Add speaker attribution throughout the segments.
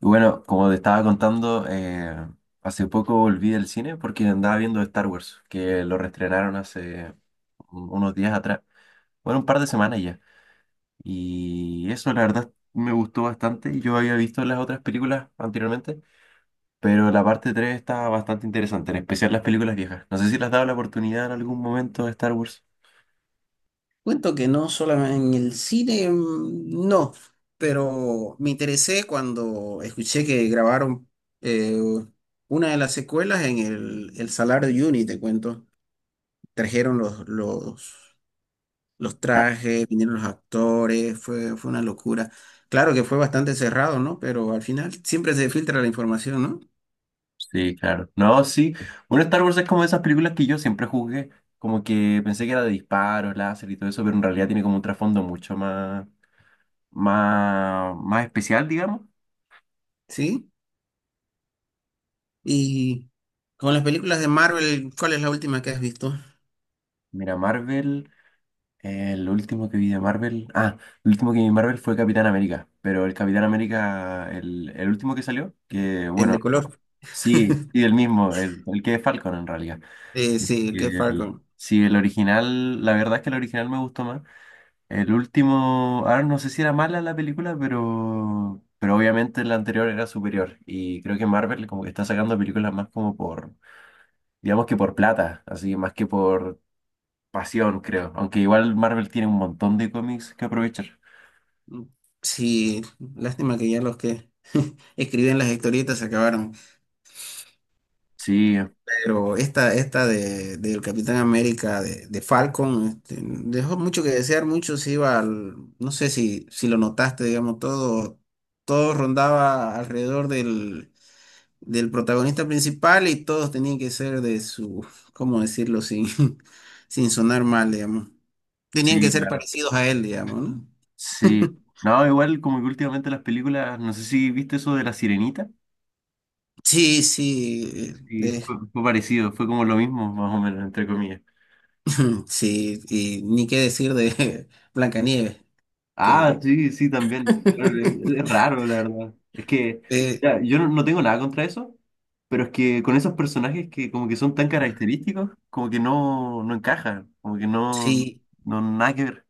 Speaker 1: Y bueno, como te estaba contando, hace poco volví del cine porque andaba viendo Star Wars, que lo reestrenaron hace unos días atrás, bueno, un par de semanas ya. Y eso la verdad me gustó bastante. Yo había visto las otras películas anteriormente, pero la parte 3 está bastante interesante, en especial las películas viejas. No sé si las has dado la oportunidad en algún momento de Star Wars.
Speaker 2: Cuento que no solamente en el cine, no, pero me interesé cuando escuché que grabaron eh, una de las secuelas en el Salar de Uyuni, te cuento. Trajeron los trajes, vinieron los actores, fue una locura. Claro que fue bastante cerrado, ¿no? Pero al final siempre se filtra la información, ¿no?
Speaker 1: Sí, claro. No, sí. Bueno, Star Wars es como esas películas que yo siempre juzgué, como que pensé que era de disparos, láser y todo eso, pero en realidad tiene como un trasfondo mucho más, más, más especial, digamos.
Speaker 2: Sí. Y con las películas de Marvel, ¿cuál es la última que has visto?
Speaker 1: Mira, Marvel, lo último que vi de Marvel, el último que vi de Marvel fue Capitán América, pero el Capitán América, el último que salió, que
Speaker 2: El de
Speaker 1: bueno,
Speaker 2: color.
Speaker 1: sí, sí, el mismo, el que es Falcon en realidad.
Speaker 2: Sí, el que es
Speaker 1: El-
Speaker 2: Falcon.
Speaker 1: sí, el original, la verdad es que el original me gustó más. El último, ahora no sé si era mala la película, pero obviamente la anterior era superior. Y creo que Marvel como que está sacando películas más como por, digamos que por plata, así más que por pasión, creo. Aunque igual Marvel tiene un montón de cómics que aprovechar.
Speaker 2: Sí, lástima que ya los que escriben las historietas se acabaron.
Speaker 1: Sí,
Speaker 2: Pero del Capitán América de Falcon, este, dejó mucho que desear, mucho se iba al, no sé si, si lo notaste, digamos, todo rondaba alrededor del protagonista principal y todos tenían que ser de su, ¿cómo decirlo? Sin, sin sonar mal, digamos. Tenían que
Speaker 1: sí,
Speaker 2: ser
Speaker 1: claro.
Speaker 2: parecidos a él, digamos, ¿no?
Speaker 1: Sí. No, igual como que últimamente las películas, no sé si viste eso de La Sirenita.
Speaker 2: Sí, sí,
Speaker 1: Sí, fue, fue parecido, fue como lo mismo, más o menos, entre comillas.
Speaker 2: sí, y ni qué decir de Blancanieves,
Speaker 1: Ah,
Speaker 2: que
Speaker 1: sí, sí, también. Pero Es, es raro, la verdad. Es que
Speaker 2: eh,
Speaker 1: ya, yo no, no tengo nada contra eso, pero es que con esos personajes que como que son tan característicos, como que no, no encajan, como que no,
Speaker 2: sí,
Speaker 1: no, nada que ver.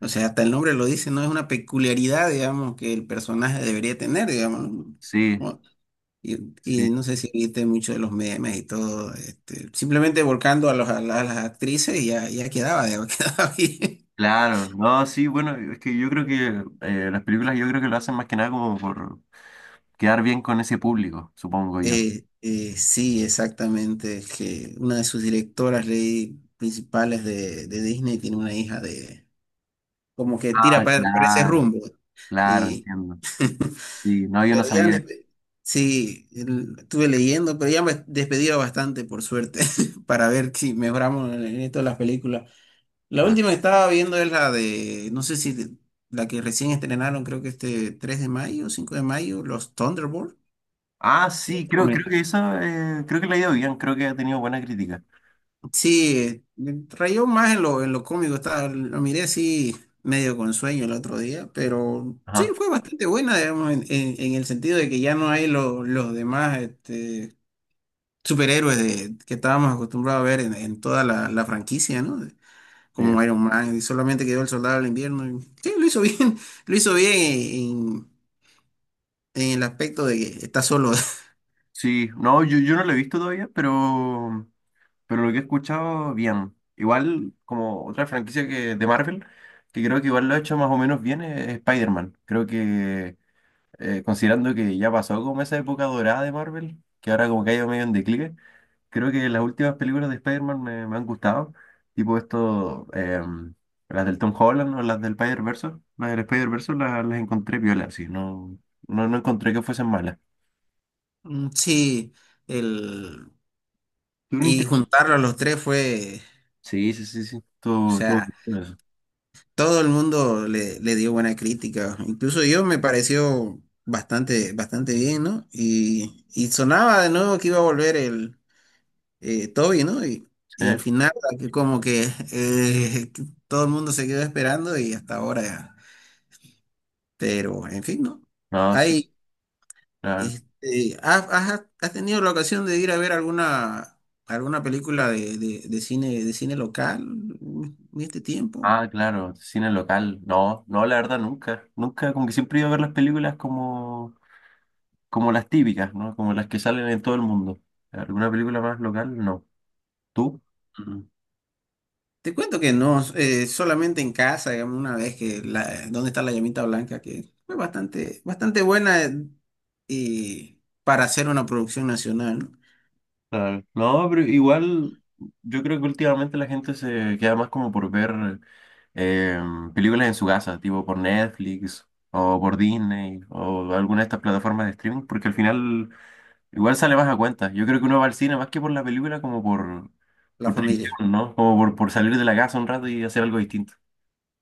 Speaker 2: o sea, hasta el nombre lo dice, no es una peculiaridad, digamos, que el personaje debería tener, digamos,
Speaker 1: Sí,
Speaker 2: como- y,
Speaker 1: sí,
Speaker 2: y no sé si viste mucho de los memes y todo, este, simplemente volcando a, los, a, a las actrices y ya, ya quedaba, ya quedaba bien.
Speaker 1: claro. No, sí, bueno, es que yo creo que las películas yo creo que lo hacen más que nada como por quedar bien con ese público, supongo yo.
Speaker 2: Sí, exactamente, es que una de sus directoras leí, principales de Disney tiene una hija de como que tira
Speaker 1: Ah,
Speaker 2: para ese
Speaker 1: claro,
Speaker 2: rumbo.
Speaker 1: claro,
Speaker 2: Y,
Speaker 1: entiendo. Sí, no, yo no
Speaker 2: pero
Speaker 1: sabía.
Speaker 2: sí, estuve leyendo, pero ya me despedía bastante, por suerte, para ver si mejoramos en esto de las películas. La última que estaba viendo es la de, no sé si de- la que recién estrenaron, creo que este 3 de mayo, 5 de mayo, los Thunderbolts.
Speaker 1: Ah, sí, creo, creo que esa, creo que le ha ido bien, creo que ha tenido buena crítica.
Speaker 2: Sí, rayó más en lo cómico, estaba, lo miré así medio con sueño el otro día, pero sí,
Speaker 1: Ajá,
Speaker 2: fue bastante buena, digamos, en, en el sentido de que ya no hay los demás este, superhéroes de, que estábamos acostumbrados a ver en toda la, la franquicia, ¿no? De...
Speaker 1: bien.
Speaker 2: Como Iron Man, y solamente quedó el Soldado del Invierno. Y sí, lo hizo bien, lo hizo bien en el aspecto de que está solo.
Speaker 1: Sí, no, yo no lo he visto todavía, pero lo que he escuchado, bien. Igual, como otra franquicia que, de Marvel, que creo que igual lo ha hecho más o menos bien, es Spider-Man. Creo que, considerando que ya pasó como esa época dorada de Marvel, que ahora como que ha ido medio en declive, creo que las últimas películas de Spider-Man me, me han gustado, tipo esto, las del Tom Holland o las del Spider-Verse, las del Spider-Verse las encontré violas, sí, no, no, no encontré que fuesen malas.
Speaker 2: Sí, el,
Speaker 1: Tuvieron
Speaker 2: y
Speaker 1: inter-
Speaker 2: juntarlo a los tres fue...
Speaker 1: Sí, sí, sí, sí,
Speaker 2: O
Speaker 1: todo, todo
Speaker 2: sea,
Speaker 1: eso,
Speaker 2: todo el mundo le, le dio buena crítica, incluso yo me pareció bastante, bastante bien, ¿no? Y sonaba de nuevo que iba a volver el Toby, ¿no? Y al
Speaker 1: sí,
Speaker 2: final que como que todo el mundo se quedó esperando y hasta ahora, pero en fin, ¿no?
Speaker 1: no, sí,
Speaker 2: Hay,
Speaker 1: claro.
Speaker 2: este, ¿has, has tenido la ocasión de ir a ver alguna, alguna película de, de cine local en este tiempo?
Speaker 1: Ah, claro, cine local, no, no, la verdad nunca, nunca, como que siempre iba a ver las películas como, como las típicas, ¿no? Como las que salen en todo el mundo. ¿Alguna película más local? No. ¿Tú?
Speaker 2: Te cuento que no, solamente en casa, digamos, una vez que la, donde está la llamita blanca, que fue bastante, bastante buena y para hacer una producción nacional, ¿no?
Speaker 1: Claro. No, pero igual yo creo que últimamente la gente se queda más como por ver eh, películas en su casa, tipo por Netflix o por Disney o alguna de estas plataformas de streaming, porque al final igual sale más a cuenta. Yo creo que uno va al cine más que por la película, como
Speaker 2: La
Speaker 1: por
Speaker 2: familia.
Speaker 1: tradición, ¿no? Como por salir de la casa un rato y hacer algo distinto.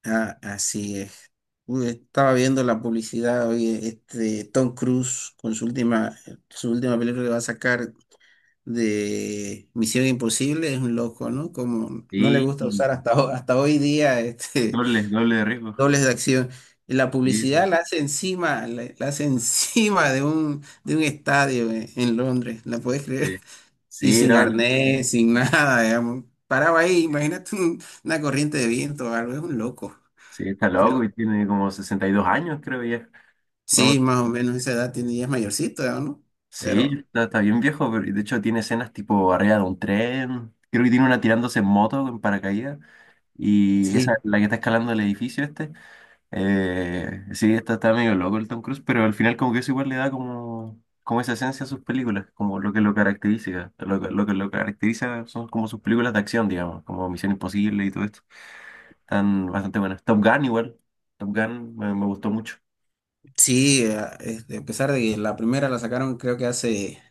Speaker 2: Ah, así es. Uy, estaba viendo la publicidad hoy, este Tom Cruise con su última película que va a sacar de Misión Imposible, es un loco, ¿no? Como no le
Speaker 1: Sí,
Speaker 2: gusta
Speaker 1: y
Speaker 2: usar hasta hoy día este
Speaker 1: doble, doble de riesgo.
Speaker 2: dobles de acción. Y la
Speaker 1: Sí, sí,
Speaker 2: publicidad la hace encima, la hace encima de un estadio en Londres, ¿la puedes creer?
Speaker 1: sí.
Speaker 2: Y
Speaker 1: Sí,
Speaker 2: sin
Speaker 1: no,
Speaker 2: arnés, sin nada, digamos. Paraba ahí, imagínate una corriente de viento o algo, es un loco.
Speaker 1: sí, está loco
Speaker 2: Pero
Speaker 1: y tiene como 62 años, creo ya.
Speaker 2: sí, más o menos esa edad tiene, ya es mayorcito, ya, ¿no? Pero
Speaker 1: Sí, está, está bien viejo, pero de hecho tiene escenas tipo arriba de un tren. Creo que tiene una tirándose en moto, en paracaídas. Y esa,
Speaker 2: sí,
Speaker 1: la que está escalando el edificio este. Sí, está, está medio loco el Tom Cruise, pero al final como que eso igual le da como, como esa esencia a sus películas, como lo que lo caracteriza. Lo, lo que lo caracteriza son como sus películas de acción, digamos, como Misión Imposible y todo esto. Están bastante buenas. Top Gun igual. Top Gun me, me gustó mucho.
Speaker 2: sí, este, a pesar de que la primera la sacaron creo que hace,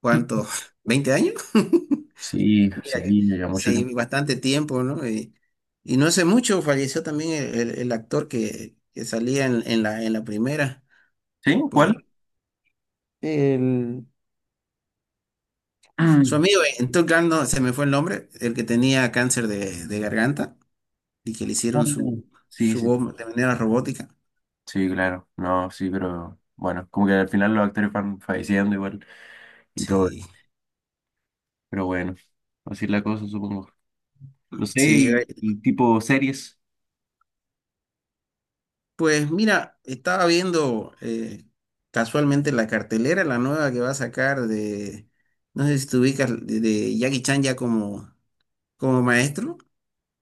Speaker 2: ¿cuánto? ¿20 años?
Speaker 1: Sí,
Speaker 2: Mira
Speaker 1: sí,
Speaker 2: que
Speaker 1: ya mucho
Speaker 2: sí,
Speaker 1: tiempo.
Speaker 2: bastante tiempo, ¿no? Y no hace mucho falleció también el, el actor que salía en la primera,
Speaker 1: ¿Sí?
Speaker 2: por
Speaker 1: ¿Cuál?
Speaker 2: el, el- su amigo, en Top Gun, no, se me fue el nombre, el que tenía cáncer de garganta y que le
Speaker 1: Ah,
Speaker 2: hicieron su,
Speaker 1: sí,
Speaker 2: su
Speaker 1: sí,
Speaker 2: voz de manera robótica.
Speaker 1: sí, claro. No, sí, pero bueno, como que al final los actores van falleciendo igual y todo.
Speaker 2: Sí,
Speaker 1: Pero bueno, así es la cosa, supongo. No sé,
Speaker 2: sí.
Speaker 1: y tipo series.
Speaker 2: Pues mira, estaba viendo casualmente la cartelera, la nueva que va a sacar de, no sé si te ubicas, de Jackie Chan ya como, como maestro,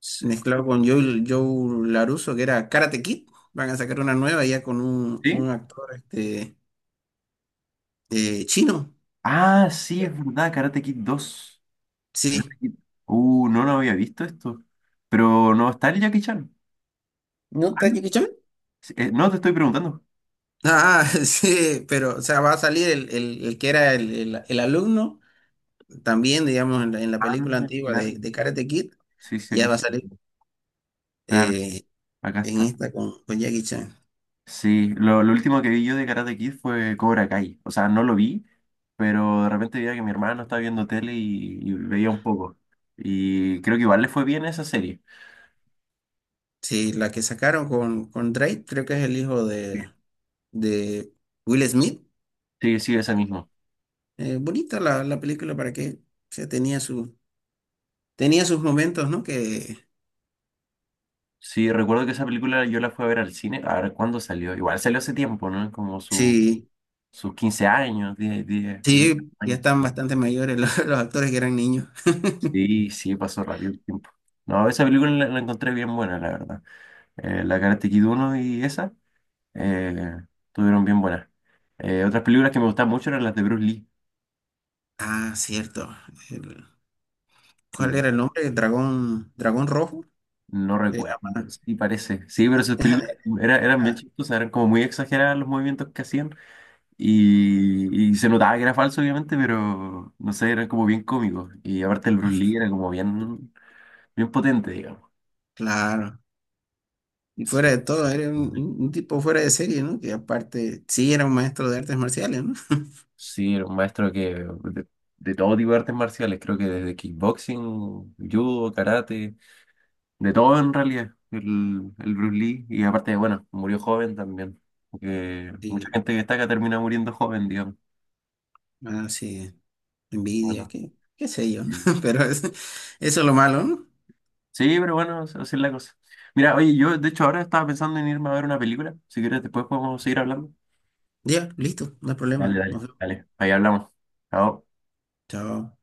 Speaker 1: Sí.
Speaker 2: mezclado con Joe, Joe LaRusso, que era Karate Kid. Van a sacar una nueva ya con
Speaker 1: ¿Sí?
Speaker 2: un actor este, chino.
Speaker 1: Ah, sí, es verdad, Karate Kid dos. Karate
Speaker 2: Sí.
Speaker 1: Kid. No, no había visto esto. Pero no está el Jackie Chan.
Speaker 2: ¿No
Speaker 1: Ah,
Speaker 2: está Jackie Chan?
Speaker 1: sí, no, te estoy preguntando.
Speaker 2: Ah, sí, pero o sea, va a salir el, el que era el, el alumno, también, digamos, en la
Speaker 1: Ah,
Speaker 2: película antigua
Speaker 1: claro.
Speaker 2: de Karate Kid,
Speaker 1: Sí, sí, aquí
Speaker 2: ya va a salir
Speaker 1: está. Claro,
Speaker 2: eh,
Speaker 1: acá
Speaker 2: en
Speaker 1: está.
Speaker 2: esta con Jackie Chan.
Speaker 1: Sí, lo último que vi yo de Karate Kid fue Cobra Kai. O sea, no lo vi, pero de repente veía que mi hermano estaba viendo tele y veía un poco. Y creo que igual le fue bien esa serie.
Speaker 2: Sí, la que sacaron con Drake, creo que es el hijo de Will Smith.
Speaker 1: Sí, sí, esa misma.
Speaker 2: Bonita la, la película para que se tenía sus momentos, ¿no? Que
Speaker 1: Sí, recuerdo que esa película yo la fui a ver al cine. A ver, ¿cuándo salió? Igual salió hace tiempo, ¿no? Como
Speaker 2: sí,
Speaker 1: sus 15 años, diez 10
Speaker 2: sí, ya
Speaker 1: años.
Speaker 2: están bastante mayores los, los actores que eran niños.
Speaker 1: Sí, sí, pasó rápido el tiempo. No, esa película la, la encontré bien buena, la verdad. La Karate Kid uno y esa. Eh, estuvieron bien buenas. Otras películas que me gustaban mucho eran las de Bruce Lee.
Speaker 2: Ah, cierto. El... ¿cuál era el nombre? El dragón, dragón rojo.
Speaker 1: No
Speaker 2: Se
Speaker 1: recuerdo,
Speaker 2: llama.
Speaker 1: sí parece. Sí, pero esas películas eran bien
Speaker 2: Ah,
Speaker 1: chistosas, eran como muy exageradas los movimientos que hacían y se notaba que era falso, obviamente, pero no sé, eran como bien cómicos. Y aparte el Bruce Lee era como bien, bien potente, digamos.
Speaker 2: claro. Y fuera
Speaker 1: Sí,
Speaker 2: de todo, era un, un tipo fuera de serie, ¿no? Que aparte, sí, era un maestro de artes marciales, ¿no?
Speaker 1: sí, era un maestro que de todo tipo de artes marciales, creo que desde kickboxing, judo, karate. De todo en realidad, el Bruce Lee, y aparte, bueno, murió joven también, porque mucha
Speaker 2: Sí,
Speaker 1: gente que destaca termina muriendo joven, digamos.
Speaker 2: ah, sí, envidia,
Speaker 1: Bueno,
Speaker 2: qué, qué sé yo, ¿no?
Speaker 1: sí,
Speaker 2: Pero eso es lo malo, ¿no?
Speaker 1: sí, pero bueno, así es la cosa. Mira, oye, yo de hecho ahora estaba pensando en irme a ver una película, si quieres después podemos seguir hablando.
Speaker 2: Ya, listo, no hay
Speaker 1: Dale,
Speaker 2: problema. Nos
Speaker 1: dale,
Speaker 2: vemos.
Speaker 1: dale, ahí hablamos. Chao.
Speaker 2: Chao.